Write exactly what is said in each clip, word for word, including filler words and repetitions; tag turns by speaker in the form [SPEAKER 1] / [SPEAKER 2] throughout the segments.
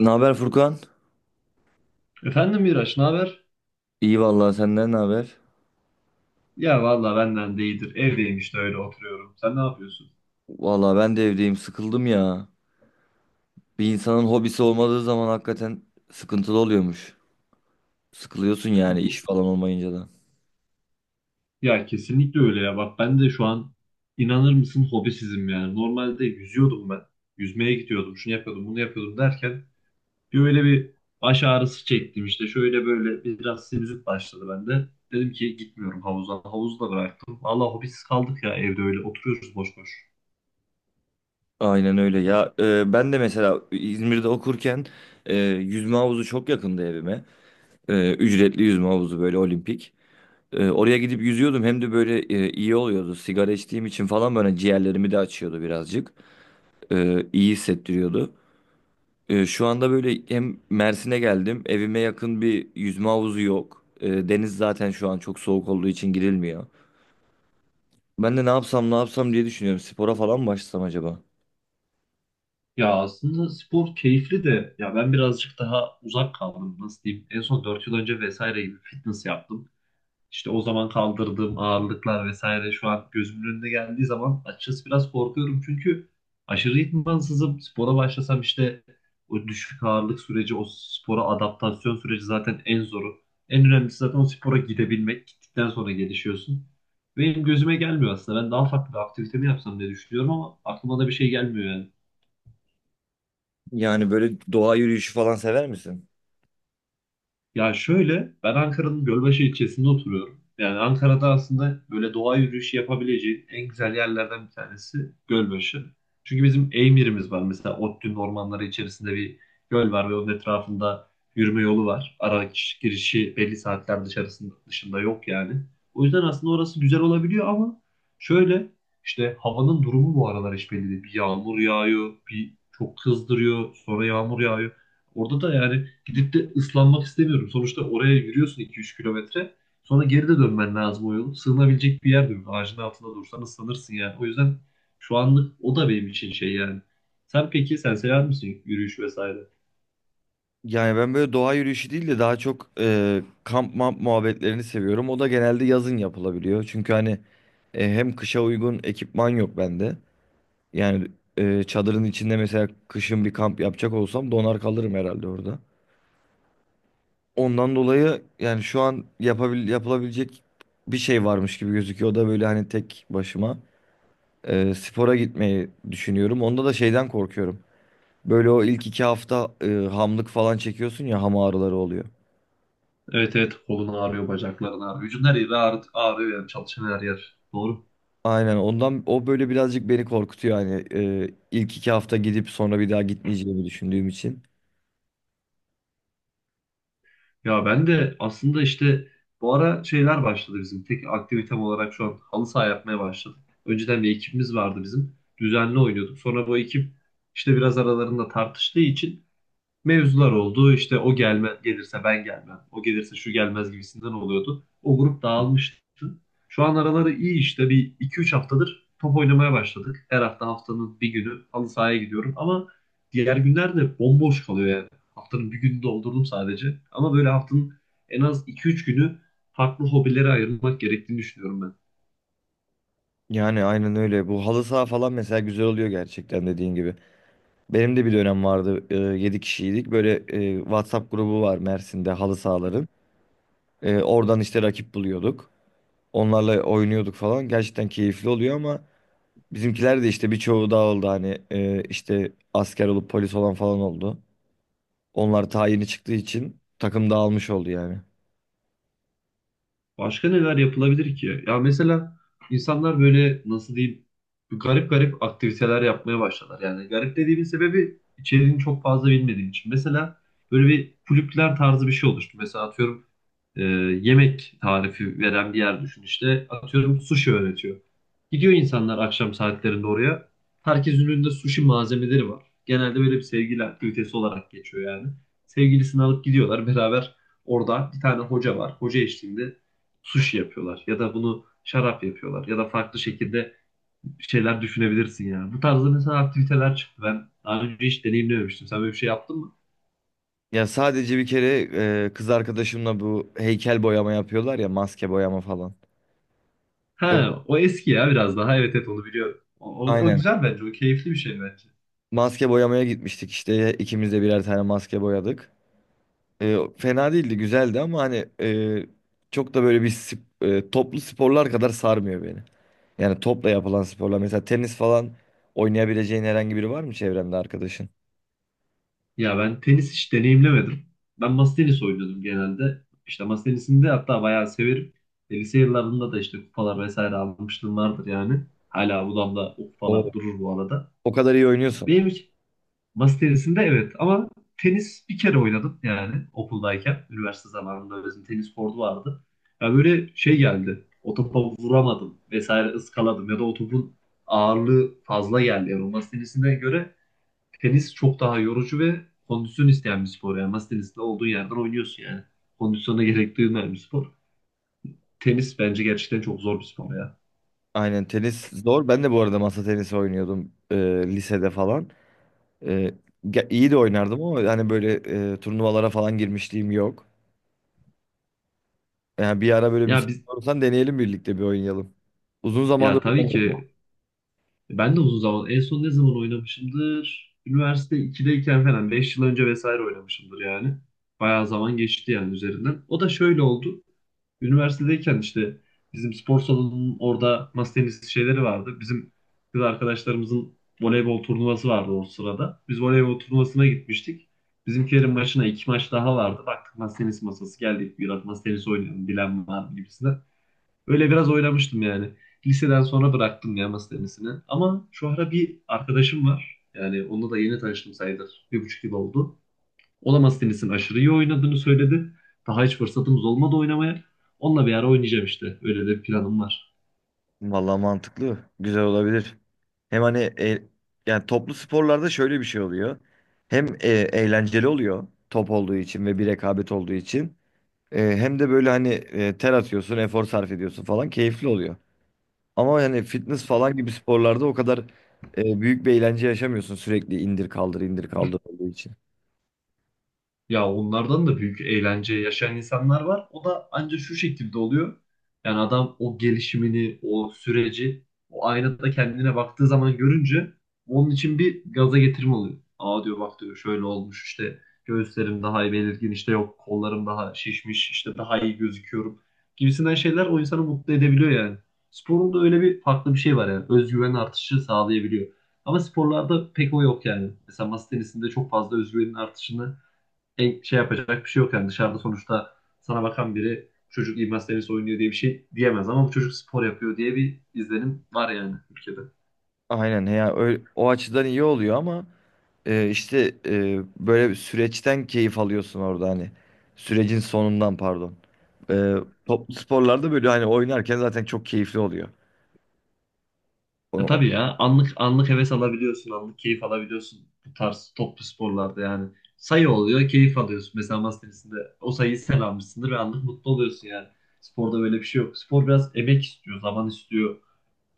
[SPEAKER 1] Ne haber Furkan?
[SPEAKER 2] Efendim Miraç, ne haber?
[SPEAKER 1] İyi vallahi senden ne haber?
[SPEAKER 2] Ya valla benden de iyidir. Evdeyim işte öyle oturuyorum. Sen ne yapıyorsun?
[SPEAKER 1] Vallahi ben de evdeyim sıkıldım ya. Bir insanın hobisi olmadığı zaman hakikaten sıkıntılı oluyormuş. Sıkılıyorsun yani iş
[SPEAKER 2] Bu-
[SPEAKER 1] falan olmayınca da.
[SPEAKER 2] Ya kesinlikle öyle ya. Bak ben de şu an inanır mısın hobisizim yani. Normalde yüzüyordum ben. Yüzmeye gidiyordum. Şunu yapıyordum, bunu yapıyordum derken bir öyle bir baş ağrısı çektim işte. Şöyle böyle biraz sinüzit başladı bende. Dedim ki gitmiyorum havuza. Havuzu da bıraktım. Valla hobisiz kaldık ya, evde öyle oturuyoruz boş boş.
[SPEAKER 1] Aynen öyle ya. E, ben de mesela İzmir'de okurken e, yüzme havuzu çok yakındı evime. E, ücretli yüzme havuzu böyle olimpik. E, oraya gidip yüzüyordum hem de böyle e, iyi oluyordu. Sigara içtiğim için falan böyle ciğerlerimi de açıyordu birazcık. E, iyi hissettiriyordu. Ee, şu anda böyle hem Mersin'e geldim. Evime yakın bir yüzme havuzu yok. Ee, deniz zaten şu an çok soğuk olduğu için girilmiyor. Ben de ne yapsam ne yapsam diye düşünüyorum. Spora falan mı başlasam acaba?
[SPEAKER 2] Ya aslında spor keyifli de ya ben birazcık daha uzak kaldım, nasıl diyeyim. En son dört yıl önce vesaire gibi fitness yaptım. İşte o zaman kaldırdığım ağırlıklar vesaire şu an gözümün önüne geldiği zaman açıkçası biraz korkuyorum. Çünkü aşırı idmansızım. Spora başlasam işte o düşük ağırlık süreci, o spora adaptasyon süreci zaten en zoru. En önemlisi zaten o spora gidebilmek. Gittikten sonra gelişiyorsun. Benim gözüme gelmiyor aslında. Ben daha farklı bir aktivite mi yapsam diye düşünüyorum ama aklıma da bir şey gelmiyor yani.
[SPEAKER 1] Yani böyle doğa yürüyüşü falan sever misin?
[SPEAKER 2] Ya şöyle, ben Ankara'nın Gölbaşı ilçesinde oturuyorum. Yani Ankara'da aslında böyle doğa yürüyüşü yapabileceğin en güzel yerlerden bir tanesi Gölbaşı. Çünkü bizim Eymir'imiz var. Mesela ODTÜ'nün ormanları içerisinde bir göl var ve onun etrafında yürüme yolu var. Ara girişi belli saatler dışarısında, dışında yok yani. O yüzden aslında orası güzel olabiliyor ama şöyle, işte havanın durumu bu aralar hiç belli değil. Bir yağmur yağıyor, bir çok kızdırıyor, sonra yağmur yağıyor. Orada da yani gidip de ıslanmak istemiyorum. Sonuçta oraya yürüyorsun iki üç kilometre. Sonra geri de dönmen lazım o yolu. Sığınabilecek bir yer de yok. Ağacın altında dursan ıslanırsın yani. O yüzden şu anlık o da benim için şey yani. Sen peki sen sever misin yürüyüş vesaire?
[SPEAKER 1] Yani ben böyle doğa yürüyüşü değil de daha çok e, kamp mamp muhabbetlerini seviyorum. O da genelde yazın yapılabiliyor. Çünkü hani e, hem kışa uygun ekipman yok bende. Yani e, çadırın içinde mesela kışın bir kamp yapacak olsam donar kalırım herhalde orada. Ondan dolayı yani şu an yapabil yapılabilecek bir şey varmış gibi gözüküyor. O da böyle hani tek başıma e, spora gitmeyi düşünüyorum. Onda da şeyden korkuyorum. Böyle o ilk iki hafta e, hamlık falan çekiyorsun ya ham ağrıları oluyor.
[SPEAKER 2] Evet evet, kolun ağrıyor, bacakların ağrıyor. Vücudun her yeri ağrı, ağrıyor yani çalışan her yer. Doğru.
[SPEAKER 1] Aynen ondan o böyle birazcık beni korkutuyor hani e, ilk iki hafta gidip sonra bir daha gitmeyeceğimi düşündüğüm için.
[SPEAKER 2] Ya ben de aslında işte bu ara şeyler başladı bizim. Tek aktivitem olarak şu an halı saha yapmaya başladık. Önceden bir ekibimiz vardı bizim. Düzenli oynuyorduk. Sonra bu ekip işte biraz aralarında tartıştığı için mevzular oldu. İşte o gelme, gelirse ben gelmem. O gelirse şu gelmez gibisinden oluyordu. O grup dağılmıştı. Şu an araları iyi işte. Bir iki üç haftadır top oynamaya başladık. Her hafta haftanın bir günü halı sahaya gidiyorum ama diğer günler de bomboş kalıyor yani. Haftanın bir gününü doldurdum sadece. Ama böyle haftanın en az iki üç günü farklı hobilere ayırmak gerektiğini düşünüyorum ben.
[SPEAKER 1] Yani aynen öyle. Bu halı saha falan mesela güzel oluyor gerçekten dediğin gibi. Benim de bir dönem vardı. E, yedi kişiydik. Böyle e, WhatsApp grubu var Mersin'de halı sahaların. Ee, oradan işte rakip buluyorduk. Onlarla oynuyorduk falan. Gerçekten keyifli oluyor ama bizimkiler de işte birçoğu dağıldı. Hani e, işte asker olup polis olan falan oldu. Onlar tayini çıktığı için takım dağılmış oldu yani.
[SPEAKER 2] Başka neler yapılabilir ki? Ya mesela insanlar böyle, nasıl diyeyim, garip garip aktiviteler yapmaya başladılar. Yani garip dediğimin sebebi içeriğini çok fazla bilmediğim için. Mesela böyle bir kulüpler tarzı bir şey oluştu. Mesela atıyorum, e, yemek tarifi veren bir yer düşün işte. Atıyorum sushi öğretiyor. Gidiyor insanlar akşam saatlerinde oraya. Herkesin önünde sushi malzemeleri var. Genelde böyle bir sevgili aktivitesi olarak geçiyor yani. Sevgilisini alıp gidiyorlar beraber orada bir tane hoca var. Hoca eşliğinde sushi yapıyorlar ya da bunu şarap yapıyorlar ya da farklı şekilde şeyler düşünebilirsin yani. Bu tarzda mesela aktiviteler çıktı. Ben daha önce hiç deneyimlememiştim. Sen böyle bir şey yaptın mı?
[SPEAKER 1] Ya sadece bir kere e, kız arkadaşımla bu heykel boyama yapıyorlar ya maske boyama falan. Evet.
[SPEAKER 2] Ha, o eski ya biraz daha. Evet evet, onu biliyorum. O, o, o
[SPEAKER 1] Aynen.
[SPEAKER 2] güzel bence. O keyifli bir şey bence.
[SPEAKER 1] Maske boyamaya gitmiştik işte ikimiz de birer tane maske boyadık. E, fena değildi güzeldi ama hani e, çok da böyle bir sp- e, toplu sporlar kadar sarmıyor beni. Yani topla yapılan sporlar. Mesela tenis falan oynayabileceğin herhangi biri var mı çevrende arkadaşın?
[SPEAKER 2] Ya ben tenis hiç deneyimlemedim. Ben masa tenisi oynuyordum genelde. İşte masa tenisini de hatta bayağı severim. E, Lise yıllarında da işte kupalar vesaire almışlığım vardır yani. Hala odamda o
[SPEAKER 1] O
[SPEAKER 2] kupalar durur bu arada.
[SPEAKER 1] O kadar iyi oynuyorsun.
[SPEAKER 2] Benim masa tenisinde evet ama tenis bir kere oynadım yani okuldayken. Üniversite zamanında bizim tenis kortu vardı. Ya böyle şey geldi. O topa vuramadım vesaire, ıskaladım ya da o topun ağırlığı fazla geldi. Yani o masa tenisine göre tenis çok daha yorucu ve kondisyon isteyen bir spor. Yani masa tenisinde olduğun yerden oynuyorsun yani. Kondisyona gerek duymayan bir spor. Tenis bence gerçekten çok zor bir spor ya.
[SPEAKER 1] Aynen tenis zor. Ben de bu arada masa tenisi oynuyordum e, lisede falan. E, ge- iyi de oynardım ama hani böyle e, turnuvalara falan girmişliğim yok. Yani bir ara böyle
[SPEAKER 2] Ya
[SPEAKER 1] müsait
[SPEAKER 2] biz,
[SPEAKER 1] olursan deneyelim birlikte bir oynayalım. Uzun zamandır
[SPEAKER 2] ya tabii
[SPEAKER 1] oynamıyorum.
[SPEAKER 2] ki. Ben de uzun zaman. En son ne zaman oynamışımdır? Üniversite ikideyken falan. Beş yıl önce vesaire oynamışımdır yani. Bayağı zaman geçti yani üzerinden. O da şöyle oldu. Üniversitedeyken işte bizim spor salonunun orada masa tenisi şeyleri vardı. Bizim kız arkadaşlarımızın voleybol turnuvası vardı o sırada. Biz voleybol turnuvasına gitmiştik. Bizimkilerin başına iki maç daha vardı. Baktık masa tenisi masası, geldik. Biraz masa tenisi oynayalım, bilen var mı gibisinden. Öyle biraz oynamıştım yani. Liseden sonra bıraktım ya masa tenisini. Ama şu ara bir arkadaşım var. Yani onunla da yeni tanıştım sayılır. Bir buçuk yıl oldu. O da masa tenisini aşırı iyi oynadığını söyledi. Daha hiç fırsatımız olmadı oynamaya. Onunla bir ara oynayacağım işte. Öyle de planım var.
[SPEAKER 1] Vallahi mantıklı. Güzel olabilir. Hem hani e- Yani toplu sporlarda şöyle bir şey oluyor. Hem e, eğlenceli oluyor top olduğu için ve bir rekabet olduğu için. E, hem de böyle hani e, ter atıyorsun, efor sarf ediyorsun falan keyifli oluyor. Ama hani fitness falan gibi sporlarda o kadar e, büyük bir eğlence yaşamıyorsun sürekli indir kaldır indir kaldır olduğu için.
[SPEAKER 2] Ya onlardan da büyük eğlence yaşayan insanlar var. O da ancak şu şekilde oluyor. Yani adam o gelişimini, o süreci, o aynada kendine baktığı zaman görünce onun için bir gaza getirme oluyor. Aa diyor, bak diyor, şöyle olmuş işte, göğüslerim daha iyi belirgin işte, yok kollarım daha şişmiş işte, daha iyi gözüküyorum gibisinden şeyler o insanı mutlu edebiliyor yani. Sporun da öyle bir farklı bir şey var yani, özgüven artışı sağlayabiliyor. Ama sporlarda pek o yok yani. Mesela masa tenisinde çok fazla özgüvenin artışını e, şey yapacak bir şey yok yani. Dışarıda sonuçta sana bakan biri çocuk idman tenisi oynuyor diye bir şey diyemez ama bu çocuk spor yapıyor diye bir izlenim var yani ülkede.
[SPEAKER 1] Aynen ya öyle, o açıdan iyi oluyor ama e, işte e, böyle bir süreçten keyif alıyorsun orada hani sürecin sonundan pardon. E, Toplu sporlarda böyle hani oynarken zaten çok keyifli oluyor. O-
[SPEAKER 2] E
[SPEAKER 1] o-
[SPEAKER 2] tabii ya, anlık anlık heves alabiliyorsun, anlık keyif alabiliyorsun bu tarz toplu sporlarda yani. Sayı oluyor, keyif alıyorsun. Mesela masa tenisinde o sayıyı sen almışsındır ve anlık mutlu oluyorsun yani. Sporda böyle bir şey yok. Spor biraz emek istiyor, zaman istiyor.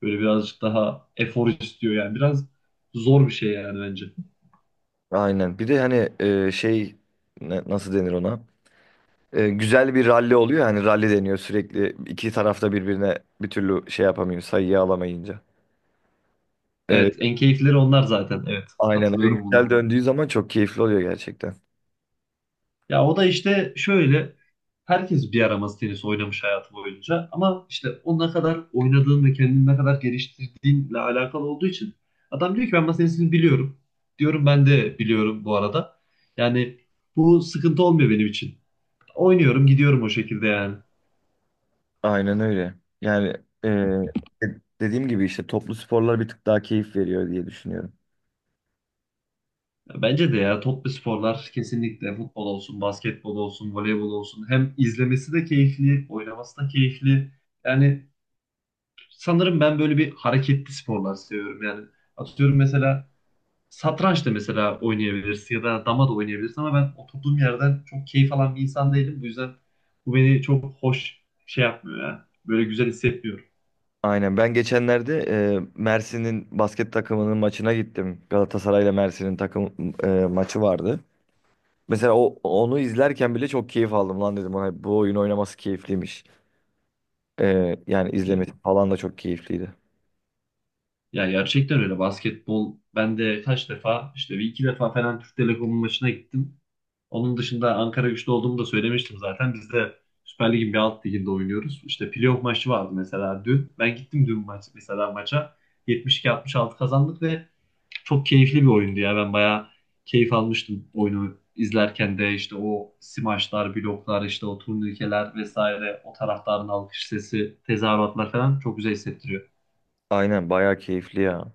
[SPEAKER 2] Böyle birazcık daha efor istiyor yani. Biraz zor bir şey yani bence.
[SPEAKER 1] aynen bir de hani e, şey ne- nasıl denir ona? E, güzel bir ralli oluyor ya, hani ralli deniyor sürekli iki tarafta birbirine bir türlü şey yapamıyor sayıyı alamayınca. E,
[SPEAKER 2] Evet, en keyifleri onlar zaten. Evet,
[SPEAKER 1] aynen oyun
[SPEAKER 2] katılıyorum
[SPEAKER 1] güzel
[SPEAKER 2] buna.
[SPEAKER 1] döndüğü zaman çok keyifli oluyor gerçekten.
[SPEAKER 2] Ya o da işte şöyle, herkes bir ara tenis oynamış hayatı boyunca ama işte o ne kadar oynadığın ve kendini ne kadar geliştirdiğinle alakalı olduğu için adam diyor ki ben masa tenisini biliyorum. Diyorum ben de biliyorum bu arada. Yani bu sıkıntı olmuyor benim için. Oynuyorum, gidiyorum o şekilde yani.
[SPEAKER 1] Aynen öyle. Yani e, de- dediğim gibi işte toplu sporlar bir tık daha keyif veriyor diye düşünüyorum.
[SPEAKER 2] Ya bence de ya, toplu sporlar kesinlikle, futbol olsun, basketbol olsun, voleybol olsun, hem izlemesi de keyifli, oynaması da keyifli. Yani sanırım ben böyle bir hareketli sporlar seviyorum. Yani atıyorum mesela satranç da mesela oynayabilirsin ya da dama da oynayabilirsin ama ben oturduğum yerden çok keyif alan bir insan değilim. Bu yüzden bu beni çok hoş şey yapmıyor ya. Böyle güzel hissetmiyorum.
[SPEAKER 1] Aynen ben geçenlerde e, Mersin'in basket takımının maçına gittim. Galatasaray'la Mersin'in takım e, maçı vardı. Mesela o onu izlerken bile çok keyif aldım lan dedim ona bu oyun oynaması keyifliymiş. E, yani
[SPEAKER 2] Ya,
[SPEAKER 1] izlemesi falan da çok keyifliydi.
[SPEAKER 2] ya gerçekten öyle. Basketbol ben de kaç defa işte, bir iki defa falan Türk Telekom'un maçına gittim. Onun dışında Ankara güçlü olduğumu da söylemiştim zaten. Biz de Süper Lig'in bir alt liginde oynuyoruz. İşte playoff maçı vardı mesela dün. Ben gittim dün maç, mesela maça. yetmiş iki altmış altı kazandık ve çok keyifli bir oyundu ya. Ben bayağı keyif almıştım oyunu izlerken de, işte o smaçlar, bloklar, işte o turnikeler vesaire, o taraftarın alkış sesi, tezahüratlar falan çok güzel hissettiriyor.
[SPEAKER 1] Aynen bayağı keyifli ya.